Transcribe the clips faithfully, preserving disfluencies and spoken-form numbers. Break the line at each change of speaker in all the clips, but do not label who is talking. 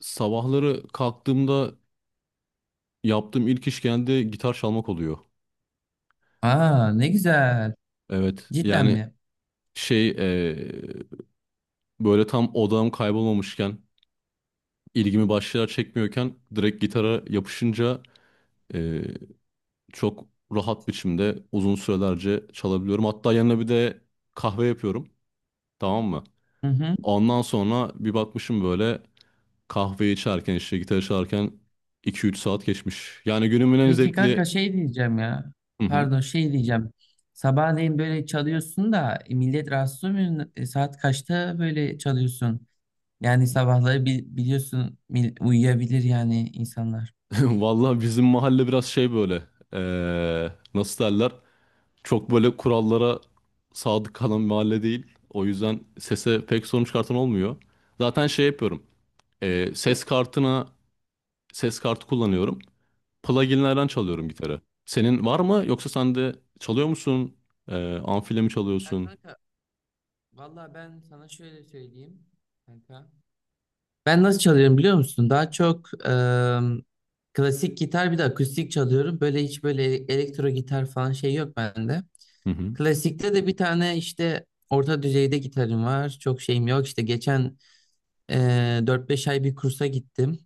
Sabahları kalktığımda yaptığım ilk iş genelde gitar çalmak oluyor.
Aa, ne güzel.
Evet
Cidden
yani
mi?
şey eee, böyle tam odağım kaybolmamışken ilgimi başlar çekmiyorken direkt gitara yapışınca eee, çok rahat biçimde uzun sürelerce çalabiliyorum. Hatta yanına bir de kahve yapıyorum, tamam mı?
Hı hı.
Ondan sonra bir bakmışım böyle kahve içerken işte gitar çalarken iki üç saat geçmiş. Yani günümün en
Peki
zevkli...
kanka, şey diyeceğim ya.
Hı hı.
Pardon, şey diyeceğim. Sabahleyin böyle çalıyorsun da e, millet rahatsız olmuyor. E, saat kaçta böyle çalıyorsun? Yani sabahları bi- biliyorsun mil- uyuyabilir yani insanlar.
Vallahi bizim mahalle biraz şey böyle. Eee, nasıl derler? Çok böyle kurallara sadık kalan bir mahalle değil. O yüzden sese pek sorun çıkartan olmuyor. Zaten şey yapıyorum. Eee, ses kartına ses kartı kullanıyorum. Pluginlerden çalıyorum gitarı. Senin var mı? Yoksa sen de çalıyor musun? Eee amfiyle mi
Ya
çalıyorsun?
kanka, valla ben sana şöyle söyleyeyim kanka. Ben nasıl çalıyorum biliyor musun? Daha çok ıı, klasik gitar bir de akustik çalıyorum. Böyle hiç böyle elektro gitar falan şey yok bende.
Hı hı.
Klasikte de bir tane işte orta düzeyde gitarım var. Çok şeyim yok. İşte geçen e, dört beş ay bir kursa gittim.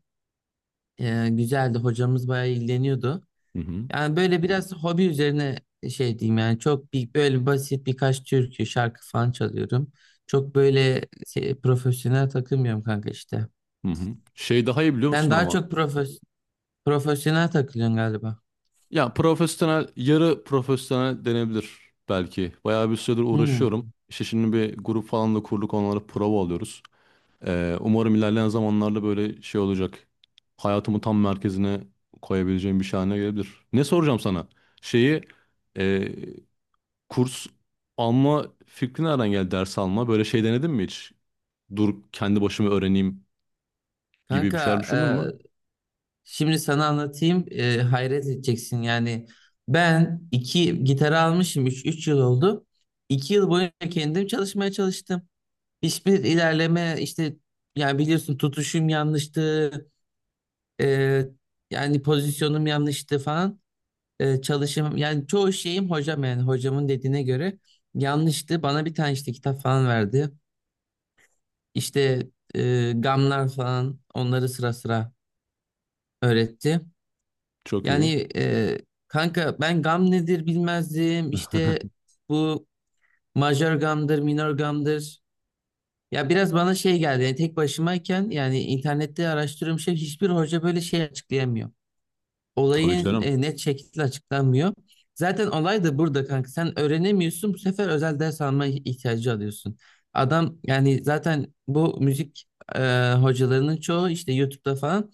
E, güzeldi. Hocamız bayağı ilgileniyordu.
Hı hı.
Yani böyle biraz hobi üzerine e, şey diyeyim yani, çok bir, böyle basit birkaç türkü, şarkı falan çalıyorum. Çok böyle şey, profesyonel takılmıyorum kanka işte.
Hı hı. Şey daha iyi biliyor
Sen
musun
daha
ama?
çok profes- profesyonel takılıyorsun galiba.
Ya profesyonel, yarı profesyonel denebilir belki. Bayağı bir süredir uğraşıyorum.
Hmm.
İşte şimdi bir grup falan da kurduk, onlara prova alıyoruz. Ee, umarım ilerleyen zamanlarda böyle şey olacak. Hayatımı tam merkezine koyabileceğim bir şey haline gelebilir. Ne soracağım sana? Şeyi, e, kurs alma fikri nereden geldi, ders alma? Böyle şey denedin mi hiç? Dur kendi başıma öğreneyim gibi bir
Kanka,
şeyler düşündün mü?
şimdi sana anlatayım, e, hayret edeceksin yani. Ben iki gitar almışım, üç üç yıl oldu, iki yıl boyunca kendim çalışmaya çalıştım, hiçbir ilerleme işte. Yani biliyorsun, tutuşum yanlıştı, e, yani pozisyonum yanlıştı falan, e, çalışım yani çoğu şeyim, hocam yani hocamın dediğine göre yanlıştı. Bana bir tane işte kitap falan verdi. İşte e, gamlar falan, onları sıra sıra öğretti.
Çok iyi.
Yani e, kanka, ben gam nedir bilmezdim. İşte bu majör gamdır, minor gamdır. Ya biraz bana şey geldi. Yani tek başımayken, yani internette araştırıyorum, şey hiçbir hoca böyle şey açıklayamıyor.
Tabii
Olayın
canım.
e, net şekilde açıklanmıyor. Zaten olay da burada kanka. Sen öğrenemiyorsun. Bu sefer özel ders alma ihtiyacı alıyorsun. Adam yani, zaten bu müzik e, hocalarının çoğu işte YouTube'da falan,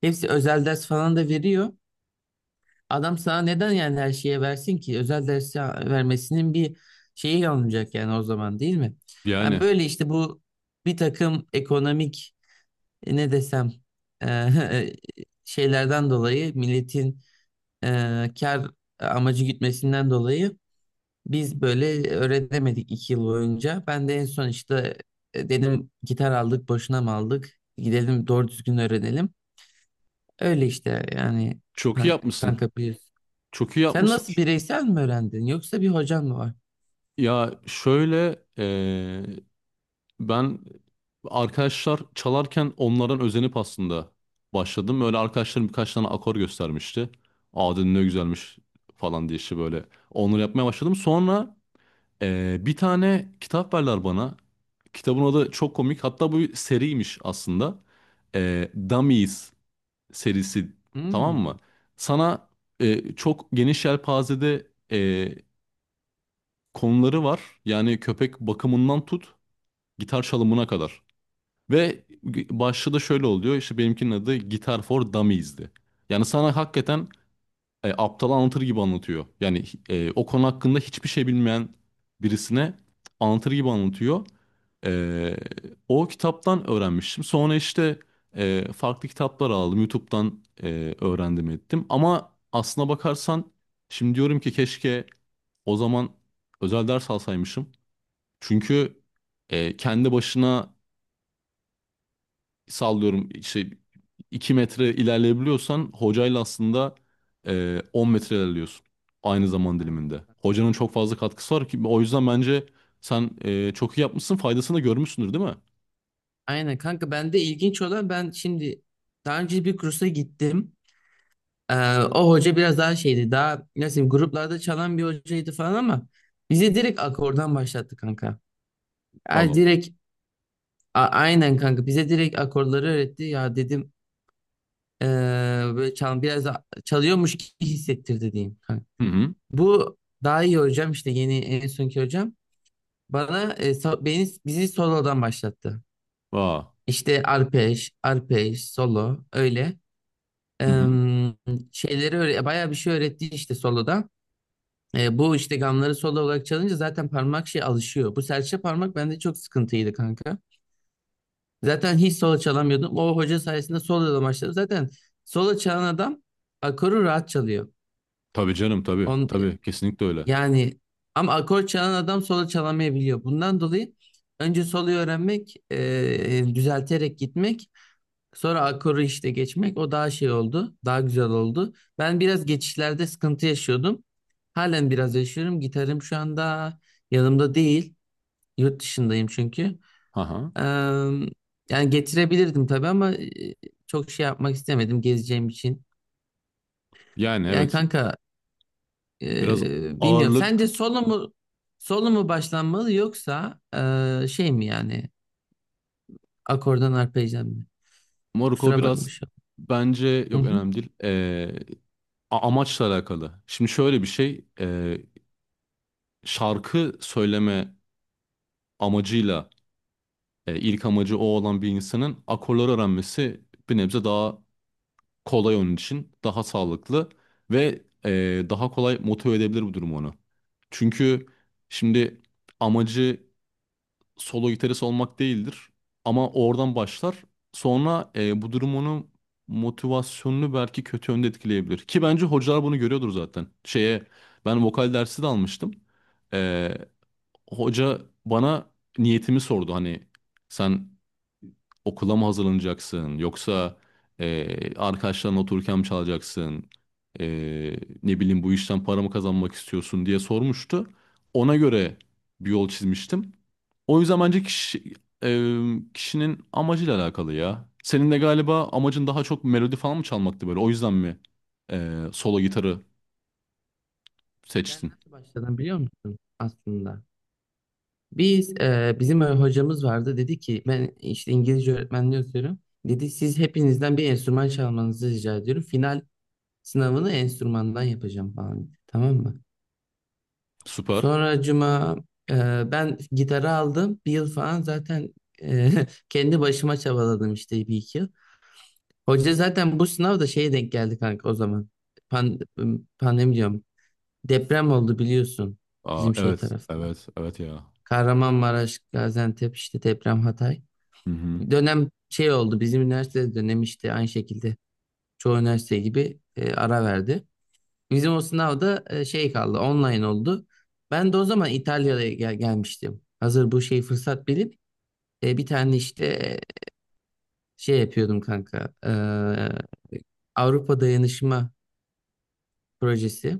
hepsi özel ders falan da veriyor. Adam sana neden yani her şeye versin ki? Özel dersi vermesinin bir şeyi alınacak yani o zaman, değil mi? Yani
Yani
böyle işte, bu bir takım ekonomik, e, ne desem, e, şeylerden dolayı, milletin e, kar amacı gütmesinden dolayı biz böyle öğrenemedik iki yıl boyunca. Ben de en son işte e, dedim, gitar aldık, boşuna mı aldık? Gidelim doğru düzgün öğrenelim. Öyle işte yani,
çok iyi
kan-
yapmışsın.
kanka biliyorsun.
Çok iyi
Sen
yapmışsın.
nasıl, bireysel mi öğrendin yoksa bir hocan mı var?
Ya şöyle eee, ben arkadaşlar çalarken onlardan özenip aslında başladım. Böyle arkadaşlarım birkaç tane akor göstermişti. Aa dedim ne güzelmiş falan diye işte böyle onları yapmaya başladım. Sonra eee, bir tane kitap verdiler bana. Kitabın adı çok komik. Hatta bu bir seriymiş aslında. Eee Dummies serisi, tamam
Hmm.
mı? Sana eee, çok geniş yelpazede eee konuları var. Yani köpek bakımından tut. Gitar çalımına kadar. Ve başlığı da şöyle oluyor. İşte benimkinin adı Guitar for Dummies'di. Yani sana hakikaten e, aptal anlatır gibi anlatıyor. Yani e, o konu hakkında hiçbir şey bilmeyen birisine anlatır gibi anlatıyor. E, O kitaptan öğrenmiştim. Sonra işte e, farklı kitaplar aldım. YouTube'dan e, öğrendim ettim. Ama aslına bakarsan şimdi diyorum ki keşke o zaman özel ders alsaymışım. Çünkü e, kendi başına sallıyorum işte iki metre ilerleyebiliyorsan hocayla aslında e, on metre ilerliyorsun aynı zaman
Aynen.
diliminde. Hocanın çok fazla katkısı var ki o yüzden bence sen e, çok iyi yapmışsın, faydasını da görmüşsündür değil mi?
Aynen kanka, bende ilginç olan, ben şimdi daha önce bir kursa gittim. Ee, o hoca biraz daha şeydi, daha nasıl diyeyim, gruplarda çalan bir hocaydı falan, ama bize direkt akordan başlattı kanka. Yani
Vallahi Allah.
direkt, a- aynen kanka, bize direkt akorları öğretti ya, dedim ee, böyle çal, biraz da çalıyormuş gibi hissettirdi diyeyim kanka.
Hı hı.
Bu daha iyi hocam, işte yeni en sonki hocam, bana e, so- beni bizi solodan başlattı.
Aa.
İşte arpej, arpej, solo öyle.
Hı hı.
Em, şeyleri öyle bayağı bir şey öğretti işte soloda. E, bu işte gamları solo olarak çalınca zaten parmak şey alışıyor. Bu serçe parmak bende çok sıkıntıydı kanka. Zaten hiç solo çalamıyordum. O hoca sayesinde solo da başladım. Zaten solo çalan adam akoru rahat çalıyor.
Tabii canım, tabii
On,
tabii, kesinlikle öyle.
yani ama akor çalan adam solo çalamayabiliyor. Bundan dolayı önce soloyu öğrenmek, e, düzelterek gitmek, sonra akoru işte geçmek, o daha şey oldu. Daha güzel oldu. Ben biraz geçişlerde sıkıntı yaşıyordum. Halen biraz yaşıyorum. Gitarım şu anda yanımda değil. Yurt dışındayım çünkü.
Aha.
Ee, yani getirebilirdim tabii, ama e, çok şey yapmak istemedim gezeceğim için.
Yani
Yani
evet
kanka,
biraz
e, bilmiyorum.
ağırlık
Sence solo mu solo mu başlanmalı yoksa e, şey mi yani, akordan arpejden mi?
Morocco
Kusura
biraz
bakmışım.
bence
Hı
yok
hı.
önemli değil. E, a- amaçla alakalı. Şimdi şöyle bir şey, e, şarkı söyleme amacıyla, e, ilk amacı o olan bir insanın akorları öğrenmesi bir nebze daha kolay onun için, daha sağlıklı ve e, daha kolay motive edebilir bu durum onu. Çünkü şimdi amacı solo gitarist olmak değildir ama oradan başlar. Sonra e, bu durum onun motivasyonunu belki kötü yönde etkileyebilir. Ki bence hocalar bunu görüyordur zaten. Şeye ben vokal dersi de almıştım. E, Hoca bana niyetimi sordu, hani sen okula mı hazırlanacaksın yoksa eee arkadaşlarınla otururken mi çalacaksın? Eee, ne bileyim, bu işten para mı kazanmak istiyorsun diye sormuştu. Ona göre bir yol çizmiştim. O yüzden bence kişi, eee, kişinin amacıyla alakalı ya. Senin de galiba amacın daha çok melodi falan mı çalmaktı böyle, o yüzden mi eee, solo
Ben
gitarı
ben
seçtin?
nasıl başladım biliyor musun aslında? Biz e, bizim öyle hocamız vardı, dedi ki ben işte İngilizce öğretmenliği okuyorum. Dedi siz hepinizden bir enstrüman çalmanızı rica ediyorum, final sınavını enstrümandan yapacağım falan dedi. Tamam mı?
Süper.
Sonra cuma e, ben gitarı aldım. Bir yıl falan zaten e, kendi başıma çabaladım işte bir iki yıl. Hoca zaten bu sınavda şeye denk geldi kanka o zaman. Pan, pandemi diyorum. Deprem oldu biliyorsun
Aa,
bizim şey
evet
tarafında.
evet evet ya.
Kahramanmaraş, Gaziantep işte, deprem Hatay.
Hı hı.
Dönem şey oldu, bizim üniversite dönem işte, aynı şekilde çoğu üniversite gibi e, ara verdi. Bizim o sınavda e, şey kaldı, online oldu. Ben de o zaman İtalya'ya gel- gelmiştim. Hazır bu şey fırsat bilip e, bir tane işte e, şey yapıyordum kanka. E, Avrupa Dayanışma Projesi.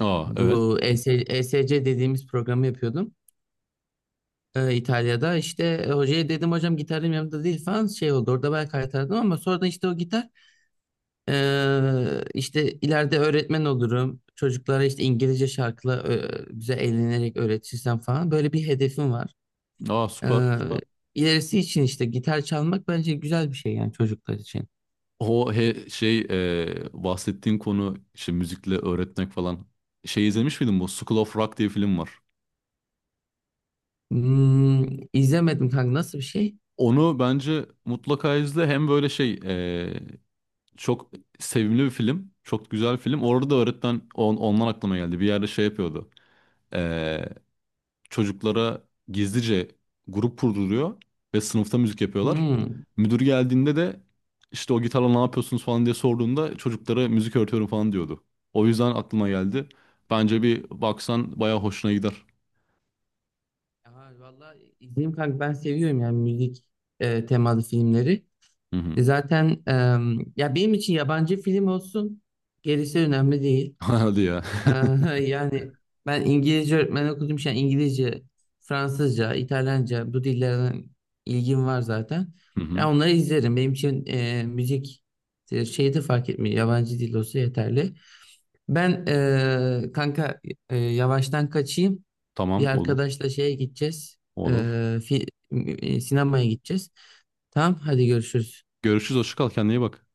Aa evet.
Bu E S E S C dediğimiz programı yapıyordum. E, İtalya'da işte e, hocaya dedim hocam, gitarım yanımda değil falan, şey oldu. Orada ben kaytardım, ama sonradan işte o gitar. Ee, işte ileride öğretmen olurum. Çocuklara işte İngilizce şarkıyla ö, güzel eğlenerek öğretirsem falan. Böyle bir hedefim var.
Aa süper
Ee,
süper.
ilerisi için işte gitar çalmak bence güzel bir şey yani, çocuklar için.
O he, şey, e, bahsettiğin konu, işte müzikle öğretmek falan. Şey izlemiş miydin bu? School of Rock diye film var.
Hmm, izlemedim kanka, nasıl bir şey?
Onu bence mutlaka izle. Hem böyle şey, e, çok sevimli bir film. Çok güzel film. Orada da öğretmen on, ondan aklıma geldi. Bir yerde şey yapıyordu. Çocuklara gizlice grup kurduruluyor ve sınıfta müzik yapıyorlar.
Hmm.
Müdür geldiğinde de işte o gitarla ne yapıyorsunuz falan diye sorduğunda çocuklara müzik öğretiyorum falan diyordu. O yüzden aklıma geldi. Bence bir baksan bayağı hoşuna gider.
Ya, vallahi izleyeyim kanka, ben seviyorum yani müzik e, temalı filmleri.
Hı hı.
E, Zaten em, ya benim için yabancı film olsun, gerisi önemli değil.
Hadi ya.
Aha, yani ben İngilizce öğretmen okudum için İngilizce, Fransızca, İtalyanca bu dillerden ilgim var zaten.
Hı hı.
Ya onları izlerim. Benim için e, müzik e, şeyi de fark etmiyor. Yabancı dil olsa yeterli. Ben e, kanka e, yavaştan kaçayım. Bir
Tamam, olur.
arkadaşla şeye gideceğiz. E,
Olur.
fi- e, Sinemaya gideceğiz. Tamam, hadi görüşürüz.
Görüşürüz. Hoşça kal. Kendine iyi bak.